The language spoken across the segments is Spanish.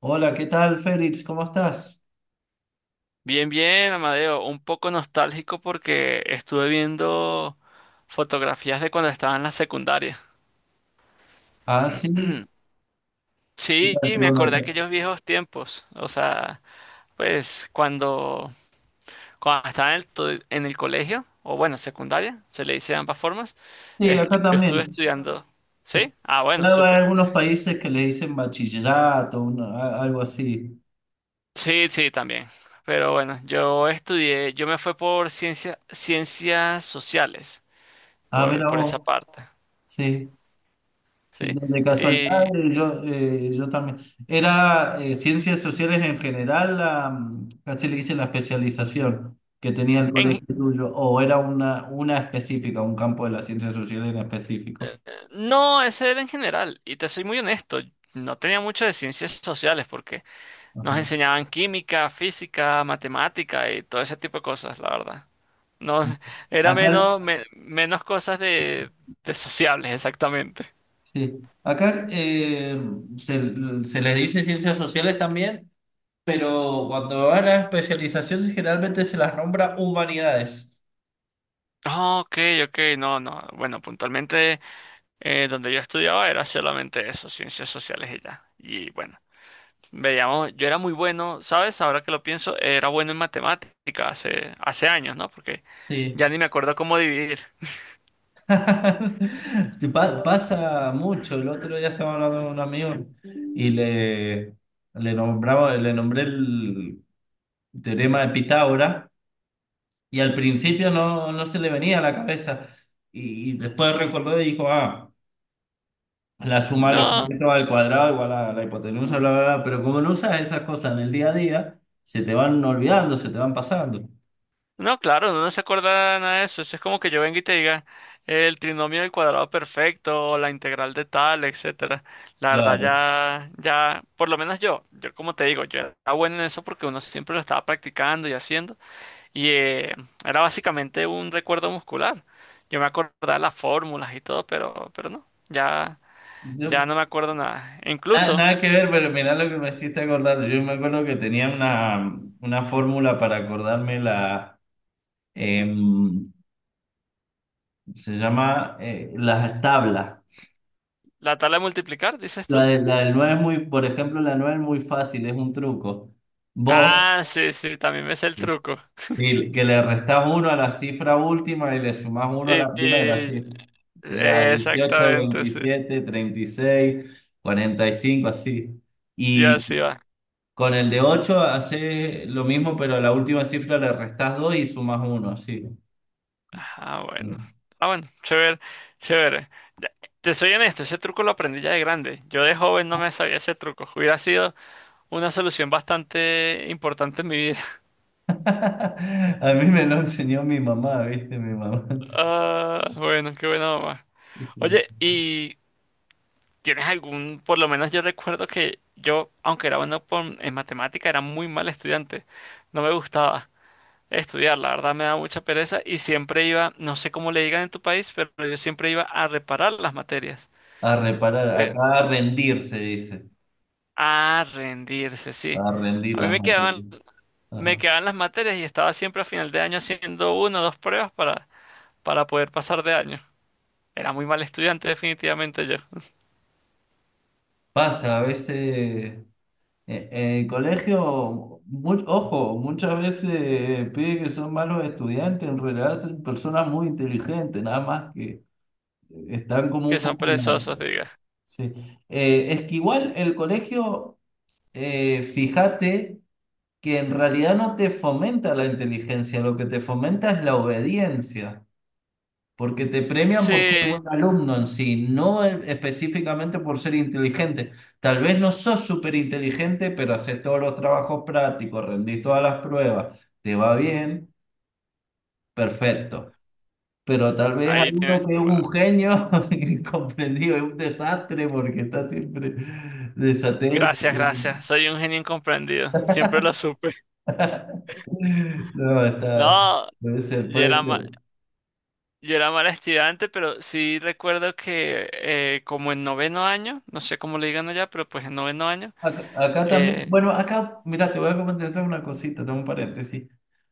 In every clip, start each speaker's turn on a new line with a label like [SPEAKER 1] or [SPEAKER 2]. [SPEAKER 1] Hola, ¿qué tal, Félix? ¿Cómo estás?
[SPEAKER 2] Bien, bien, Amadeo. Un poco nostálgico porque estuve viendo fotografías de cuando estaba en la secundaria.
[SPEAKER 1] Ah, sí. ¿Qué
[SPEAKER 2] Sí,
[SPEAKER 1] tal?
[SPEAKER 2] y
[SPEAKER 1] ¿Qué
[SPEAKER 2] me
[SPEAKER 1] onda?
[SPEAKER 2] acordé de aquellos viejos tiempos. O sea, pues cuando estaba en el, en el colegio, o bueno, secundaria, se le dice de ambas formas.
[SPEAKER 1] Sí, acá
[SPEAKER 2] Yo estuve
[SPEAKER 1] también.
[SPEAKER 2] estudiando. ¿Sí? Ah, bueno,
[SPEAKER 1] Claro, hay
[SPEAKER 2] súper.
[SPEAKER 1] algunos países que le dicen bachillerato, algo así.
[SPEAKER 2] Sí, sí, también. Pero bueno, yo estudié, yo me fui por ciencias sociales,
[SPEAKER 1] Ah,
[SPEAKER 2] por,
[SPEAKER 1] mira
[SPEAKER 2] por esa
[SPEAKER 1] vos.
[SPEAKER 2] parte,
[SPEAKER 1] Sí, sí,
[SPEAKER 2] ¿sí?
[SPEAKER 1] de casualidad
[SPEAKER 2] Y
[SPEAKER 1] yo, yo también. Era ciencias sociales en general, la, casi le dicen la especialización que tenía el colegio
[SPEAKER 2] en,
[SPEAKER 1] tuyo, o era una específica, un campo de las ciencias sociales en específico.
[SPEAKER 2] No, ese era en general. Y te soy muy honesto, no tenía mucho de ciencias sociales porque nos
[SPEAKER 1] Ajá.
[SPEAKER 2] enseñaban química, física, matemática y todo ese tipo de cosas, la verdad. No, era
[SPEAKER 1] Acá
[SPEAKER 2] menos, menos cosas de sociables, exactamente.
[SPEAKER 1] sí, acá, se, se les dice ciencias sociales también, pero cuando van a especializaciones generalmente se las nombra humanidades.
[SPEAKER 2] Ah, OK, OK, no, no. Bueno, puntualmente donde yo estudiaba era solamente eso, ciencias sociales y ya. Y bueno, veíamos, yo era muy bueno, ¿sabes? Ahora que lo pienso, era bueno en matemáticas hace años, ¿no? Porque ya
[SPEAKER 1] Sí.
[SPEAKER 2] ni me acuerdo cómo dividir.
[SPEAKER 1] Te pasa mucho. El otro día estaba hablando con un amigo y le nombraba, le nombré el teorema de Pitágoras y al principio no, no se le venía a la cabeza y después recordó y dijo, ah. La suma de los
[SPEAKER 2] No,
[SPEAKER 1] catetos al cuadrado igual a la hipotenusa, bla, bla, bla. Pero como no usas esas cosas en el día a día, se te van olvidando, se te van pasando.
[SPEAKER 2] no, claro, no se acuerda nada de eso. Eso es como que yo venga y te diga el trinomio del cuadrado perfecto o la integral de tal, etcétera. La verdad
[SPEAKER 1] Claro.
[SPEAKER 2] por lo menos yo como te digo, yo era bueno en eso porque uno siempre lo estaba practicando y haciendo, y era básicamente un recuerdo muscular. Yo me acordaba las fórmulas y todo, pero no, ya
[SPEAKER 1] Yo-
[SPEAKER 2] no me acuerdo nada. E incluso
[SPEAKER 1] Nada que ver, pero mirá lo que me hiciste acordar. Yo me acuerdo que tenía una fórmula para acordarme la... em, se llama las tablas.
[SPEAKER 2] la tabla de multiplicar, dices tú.
[SPEAKER 1] La del 9 es muy, por ejemplo, la 9 es muy fácil, es un truco. Vos...
[SPEAKER 2] Ah, sí, sí, también me sé el truco.
[SPEAKER 1] Sí, que le restas uno a la cifra última y le sumas uno a
[SPEAKER 2] Y-
[SPEAKER 1] la primera,
[SPEAKER 2] y-
[SPEAKER 1] sí. Te da dieciocho
[SPEAKER 2] Exactamente, sí.
[SPEAKER 1] veintisiete treinta y seis cuarenta y cinco así.
[SPEAKER 2] Y
[SPEAKER 1] Y
[SPEAKER 2] así va.
[SPEAKER 1] con el de 8 haces lo mismo, pero a la última cifra le restas 2 y sumas uno así.
[SPEAKER 2] Ah, bueno. Ah, bueno, chévere, chévere. Ya, te soy honesto, ese truco lo aprendí ya de grande. Yo de joven no me sabía ese truco. Hubiera sido una solución bastante importante en mi vida.
[SPEAKER 1] A mí me lo enseñó mi mamá, ¿viste? Mi mamá.
[SPEAKER 2] Ah, bueno, qué bueno, mamá.
[SPEAKER 1] Sí.
[SPEAKER 2] Oye, ¿y tienes algún, por lo menos yo recuerdo que yo, aunque era bueno en matemática, era muy mal estudiante. No me gustaba estudiar, la verdad me da mucha pereza y siempre iba, no sé cómo le digan en tu país, pero yo siempre iba a reparar las materias.
[SPEAKER 1] A reparar,
[SPEAKER 2] Eh,
[SPEAKER 1] acá a rendir se dice,
[SPEAKER 2] a rendirse, sí.
[SPEAKER 1] a rendir
[SPEAKER 2] A mí
[SPEAKER 1] las
[SPEAKER 2] me quedaban,
[SPEAKER 1] materias.
[SPEAKER 2] me
[SPEAKER 1] Ajá.
[SPEAKER 2] quedaban las materias y estaba siempre a final de año haciendo una o dos pruebas para poder pasar de año. Era muy mal estudiante, definitivamente yo.
[SPEAKER 1] Pasa, a veces en el colegio, ojo, muchas veces pide que son malos estudiantes, en realidad son personas muy inteligentes, nada más que están como
[SPEAKER 2] Que
[SPEAKER 1] un
[SPEAKER 2] son
[SPEAKER 1] poco...
[SPEAKER 2] perezosos, diga.
[SPEAKER 1] Sí. Es que igual el colegio, fíjate que en realidad no te fomenta la inteligencia, lo que te fomenta es la obediencia. Porque te premian por ser
[SPEAKER 2] Sí,
[SPEAKER 1] buen alumno en sí, no específicamente por ser inteligente. Tal vez no sos súper inteligente, pero haces todos los trabajos prácticos, rendís todas las pruebas, te va bien, perfecto. Pero tal vez hay
[SPEAKER 2] ahí
[SPEAKER 1] uno
[SPEAKER 2] tienes
[SPEAKER 1] que es
[SPEAKER 2] tú. Bueno,
[SPEAKER 1] un genio incomprendido, es un desastre porque está siempre desatento.
[SPEAKER 2] gracias, gracias. Soy un genio incomprendido. Siempre lo supe.
[SPEAKER 1] No, está,
[SPEAKER 2] No,
[SPEAKER 1] puede ser,
[SPEAKER 2] yo
[SPEAKER 1] puede
[SPEAKER 2] era, ma-
[SPEAKER 1] ser.
[SPEAKER 2] Yo era mal estudiante, pero sí recuerdo que como en noveno año, no sé cómo le digan allá, pero pues en noveno año,
[SPEAKER 1] Acá, acá también,
[SPEAKER 2] eh,
[SPEAKER 1] bueno, acá, mira, te voy a comentar otra una cosita, tengo un paréntesis.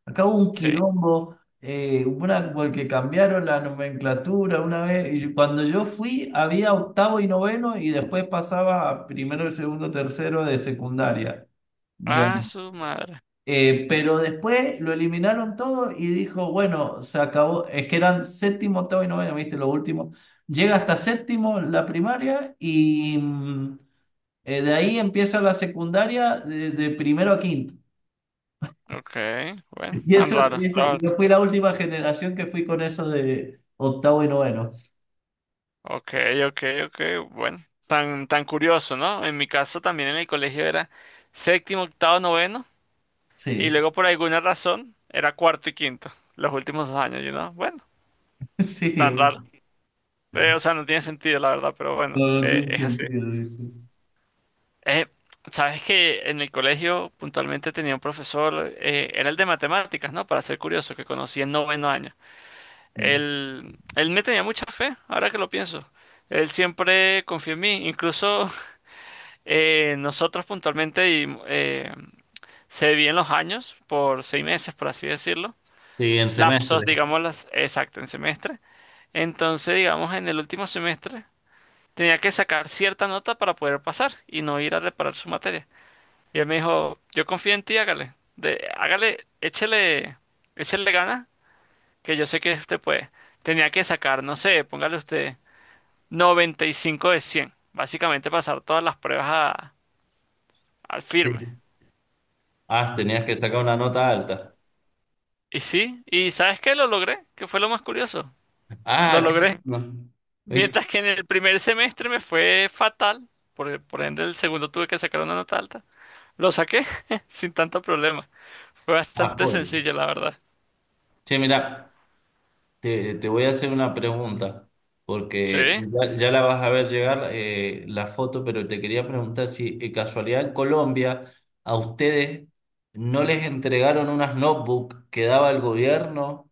[SPEAKER 1] Acá hubo un
[SPEAKER 2] sí.
[SPEAKER 1] quilombo, una, porque cambiaron la nomenclatura una vez, cuando yo fui había octavo y noveno, y después pasaba a primero, segundo, tercero de secundaria,
[SPEAKER 2] Ah,
[SPEAKER 1] digamos.
[SPEAKER 2] su madre.
[SPEAKER 1] Pero después lo eliminaron todo y dijo, bueno, se acabó, es que eran séptimo, octavo y noveno, viste, lo último. Llega hasta séptimo la primaria y... de ahí empieza la secundaria de primero a quinto.
[SPEAKER 2] OK, bueno,
[SPEAKER 1] Y
[SPEAKER 2] tan
[SPEAKER 1] eso,
[SPEAKER 2] raro, la
[SPEAKER 1] y
[SPEAKER 2] verdad.
[SPEAKER 1] yo fui la última generación que fui con eso de octavo y noveno.
[SPEAKER 2] OK, OK, OK, bueno. Tan, tan curioso, ¿no? En mi caso también en el colegio era séptimo, octavo, noveno, y
[SPEAKER 1] Sí,
[SPEAKER 2] luego por alguna razón era cuarto y quinto, los últimos dos años. Bueno,
[SPEAKER 1] sí,
[SPEAKER 2] tan raro. O sea, no tiene sentido, la verdad, pero bueno,
[SPEAKER 1] no, no tiene
[SPEAKER 2] es así.
[SPEAKER 1] sentido. ¿Viste?
[SPEAKER 2] Eh, sabes que en el colegio puntualmente tenía un profesor, era el de matemáticas, ¿no? Para ser curioso, que conocí en noveno año.
[SPEAKER 1] Sí.
[SPEAKER 2] Él me tenía mucha fe, ahora que lo pienso. Él siempre confió en mí, incluso nosotros puntualmente se dividían los años por 6 meses, por así decirlo,
[SPEAKER 1] Sí, en
[SPEAKER 2] lapsos,
[SPEAKER 1] semestre.
[SPEAKER 2] digamos, exacto, en semestre. Entonces, digamos, en el último semestre tenía que sacar cierta nota para poder pasar y no ir a reparar su materia. Y él me dijo, yo confío en ti, hágale. Hágale, échele, échele ganas que yo sé que usted puede. Tenía que sacar, no sé, póngale usted 95 de 100. Básicamente pasar todas las pruebas al firme.
[SPEAKER 1] Sí. Ah, tenías que sacar una nota alta.
[SPEAKER 2] Y sí, y ¿sabes qué? Lo logré, que fue lo más curioso. Lo
[SPEAKER 1] Ah, qué
[SPEAKER 2] logré.
[SPEAKER 1] bueno. ¿Ves?
[SPEAKER 2] Mientras que en el primer semestre me fue fatal, por ende el segundo tuve que sacar una nota alta. Lo saqué sin tanto problema. Fue
[SPEAKER 1] Ah,
[SPEAKER 2] bastante
[SPEAKER 1] joya.
[SPEAKER 2] sencillo, la verdad.
[SPEAKER 1] Che, mirá. Te voy a hacer una pregunta,
[SPEAKER 2] Sí.
[SPEAKER 1] porque ya, ya la vas a ver llegar la foto, pero te quería preguntar si casualidad en Colombia a ustedes no les entregaron unas notebooks que daba el gobierno.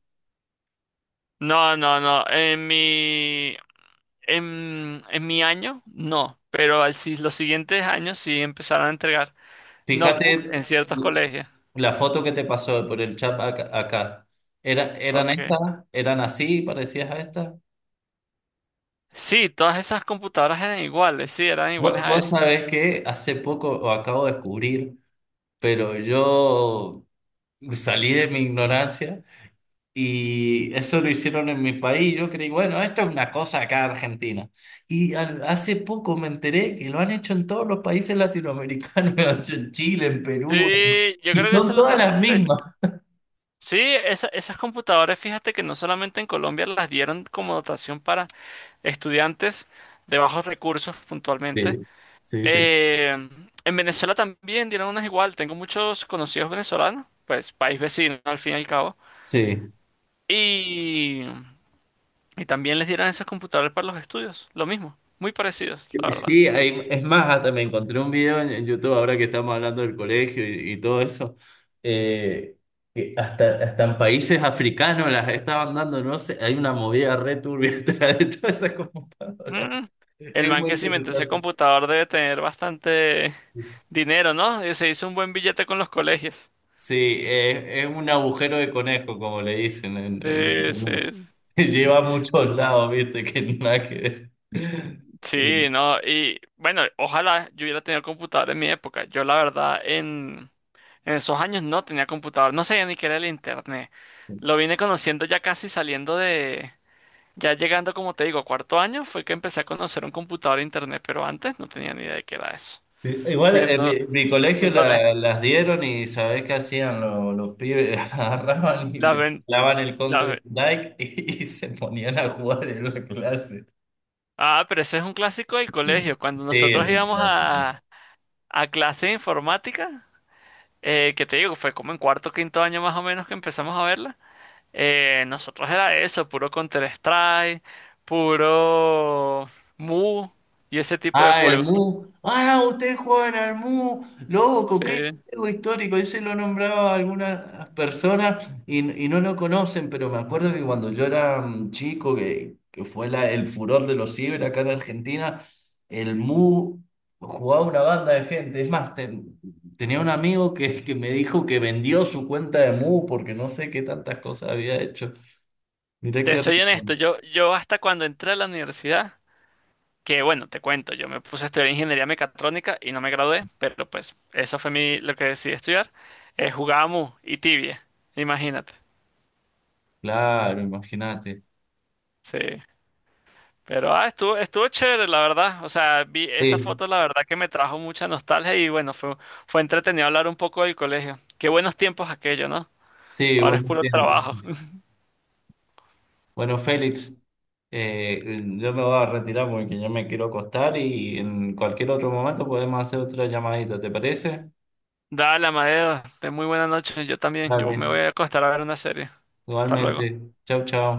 [SPEAKER 2] No, no, no. En mi año, no. Pero al, si- los siguientes años sí empezaron a entregar
[SPEAKER 1] Fíjate
[SPEAKER 2] notebook en ciertos colegios.
[SPEAKER 1] la foto que te pasó por el chat acá. Acá. ¿Eran
[SPEAKER 2] OK.
[SPEAKER 1] estas? ¿Eran así, parecidas a estas?
[SPEAKER 2] Sí, todas esas computadoras eran iguales. Sí, eran iguales
[SPEAKER 1] Vos,
[SPEAKER 2] a
[SPEAKER 1] vos
[SPEAKER 2] esas.
[SPEAKER 1] sabés que hace poco, o acabo de descubrir, pero yo salí de mi ignorancia. Y eso lo hicieron en mi país. Yo creí, bueno, esto es una cosa acá de Argentina. Hace poco me enteré que lo han hecho en todos los países latinoamericanos, lo han hecho en Chile, en Perú,
[SPEAKER 2] Sí, yo
[SPEAKER 1] y
[SPEAKER 2] creo que eso
[SPEAKER 1] son
[SPEAKER 2] lo
[SPEAKER 1] todas las
[SPEAKER 2] trajeron de.
[SPEAKER 1] mismas.
[SPEAKER 2] Sí, esas computadoras, fíjate que no solamente en Colombia las dieron como dotación para estudiantes de bajos recursos puntualmente.
[SPEAKER 1] Sí, sí, sí.
[SPEAKER 2] Eh, en Venezuela también dieron unas igual. Tengo muchos conocidos venezolanos, pues país vecino al fin y al cabo.
[SPEAKER 1] Sí,
[SPEAKER 2] Y, y también les dieron esos computadores para los estudios. Lo mismo, muy parecidos, la verdad.
[SPEAKER 1] sí, es más, hasta me encontré un video en YouTube ahora que estamos hablando del colegio y todo eso. Eh, que hasta, hasta en países africanos las estaban dando, no sé, hay una movida re turbia detrás de todas esas computadoras.
[SPEAKER 2] Mm, El
[SPEAKER 1] Es
[SPEAKER 2] man
[SPEAKER 1] muy
[SPEAKER 2] que se inventó ese
[SPEAKER 1] interesante.
[SPEAKER 2] computador debe tener bastante dinero, ¿no? Y se hizo un buen billete con los colegios.
[SPEAKER 1] Sí, es un agujero de conejo, como le dicen en
[SPEAKER 2] Sí,
[SPEAKER 1] internet.
[SPEAKER 2] sí,
[SPEAKER 1] Lleva a muchos lados, viste, que nada que ver.
[SPEAKER 2] sí, no, y bueno, ojalá yo hubiera tenido computador en mi época. Yo la verdad en esos años no tenía computador, no sabía ni qué era el internet. Lo vine conociendo ya casi saliendo de, ya llegando, como te digo, a cuarto año, fue que empecé a conocer un computador e internet, pero antes no tenía ni idea de qué era eso.
[SPEAKER 1] Igual en
[SPEAKER 2] Siendo,
[SPEAKER 1] mi, mi colegio
[SPEAKER 2] siendo honesto.
[SPEAKER 1] las dieron y ¿sabés qué hacían los pibes? Agarraban y
[SPEAKER 2] Las ven,
[SPEAKER 1] clavaban el
[SPEAKER 2] las
[SPEAKER 1] Counter
[SPEAKER 2] ven-
[SPEAKER 1] Strike y se ponían a jugar en la clase.
[SPEAKER 2] Ah, pero ese es un clásico del colegio. Cuando
[SPEAKER 1] Sí, es
[SPEAKER 2] nosotros
[SPEAKER 1] un
[SPEAKER 2] íbamos
[SPEAKER 1] clásico.
[SPEAKER 2] a clase de informática, que te digo, fue como en cuarto, quinto año más o menos que empezamos a verla. Nosotros era eso, puro Counter-Strike, puro Mu y ese tipo de
[SPEAKER 1] Ah, el
[SPEAKER 2] juegos.
[SPEAKER 1] Mu. Ah, ustedes juegan al Mu. Loco, qué
[SPEAKER 2] Sí.
[SPEAKER 1] juego histórico. Ese lo nombraba algunas personas y no lo conocen, pero me acuerdo que cuando yo era chico, que fue el furor de los ciber acá en Argentina, el Mu jugaba una banda de gente. Es más, tenía un amigo que me dijo que vendió su cuenta de Mu porque no sé qué tantas cosas había hecho. Mirá qué...
[SPEAKER 2] Te
[SPEAKER 1] raro.
[SPEAKER 2] soy honesto, yo hasta cuando entré a la universidad, que bueno, te cuento, yo me puse a estudiar ingeniería mecatrónica y no me gradué, pero pues eso fue mi, lo que decidí estudiar. Jugaba Mu y Tibia, imagínate.
[SPEAKER 1] Claro, imagínate.
[SPEAKER 2] Sí. Pero estuvo chévere, la verdad. O sea, vi esa
[SPEAKER 1] Sí,
[SPEAKER 2] foto, la verdad que me trajo mucha nostalgia y bueno, fue entretenido hablar un poco del colegio. Qué buenos tiempos aquello, ¿no?
[SPEAKER 1] sí,
[SPEAKER 2] Ahora es
[SPEAKER 1] buen
[SPEAKER 2] puro
[SPEAKER 1] tiempo.
[SPEAKER 2] trabajo.
[SPEAKER 1] Bueno, Félix, eh, yo me voy a retirar porque ya me quiero acostar y en cualquier otro momento podemos hacer otra llamadita, ¿te parece?
[SPEAKER 2] Dale, Amadeo, ten muy buena noche. Yo también. Yo
[SPEAKER 1] Vale.
[SPEAKER 2] me voy a acostar a ver una serie. Hasta luego.
[SPEAKER 1] Igualmente. Chau, chau.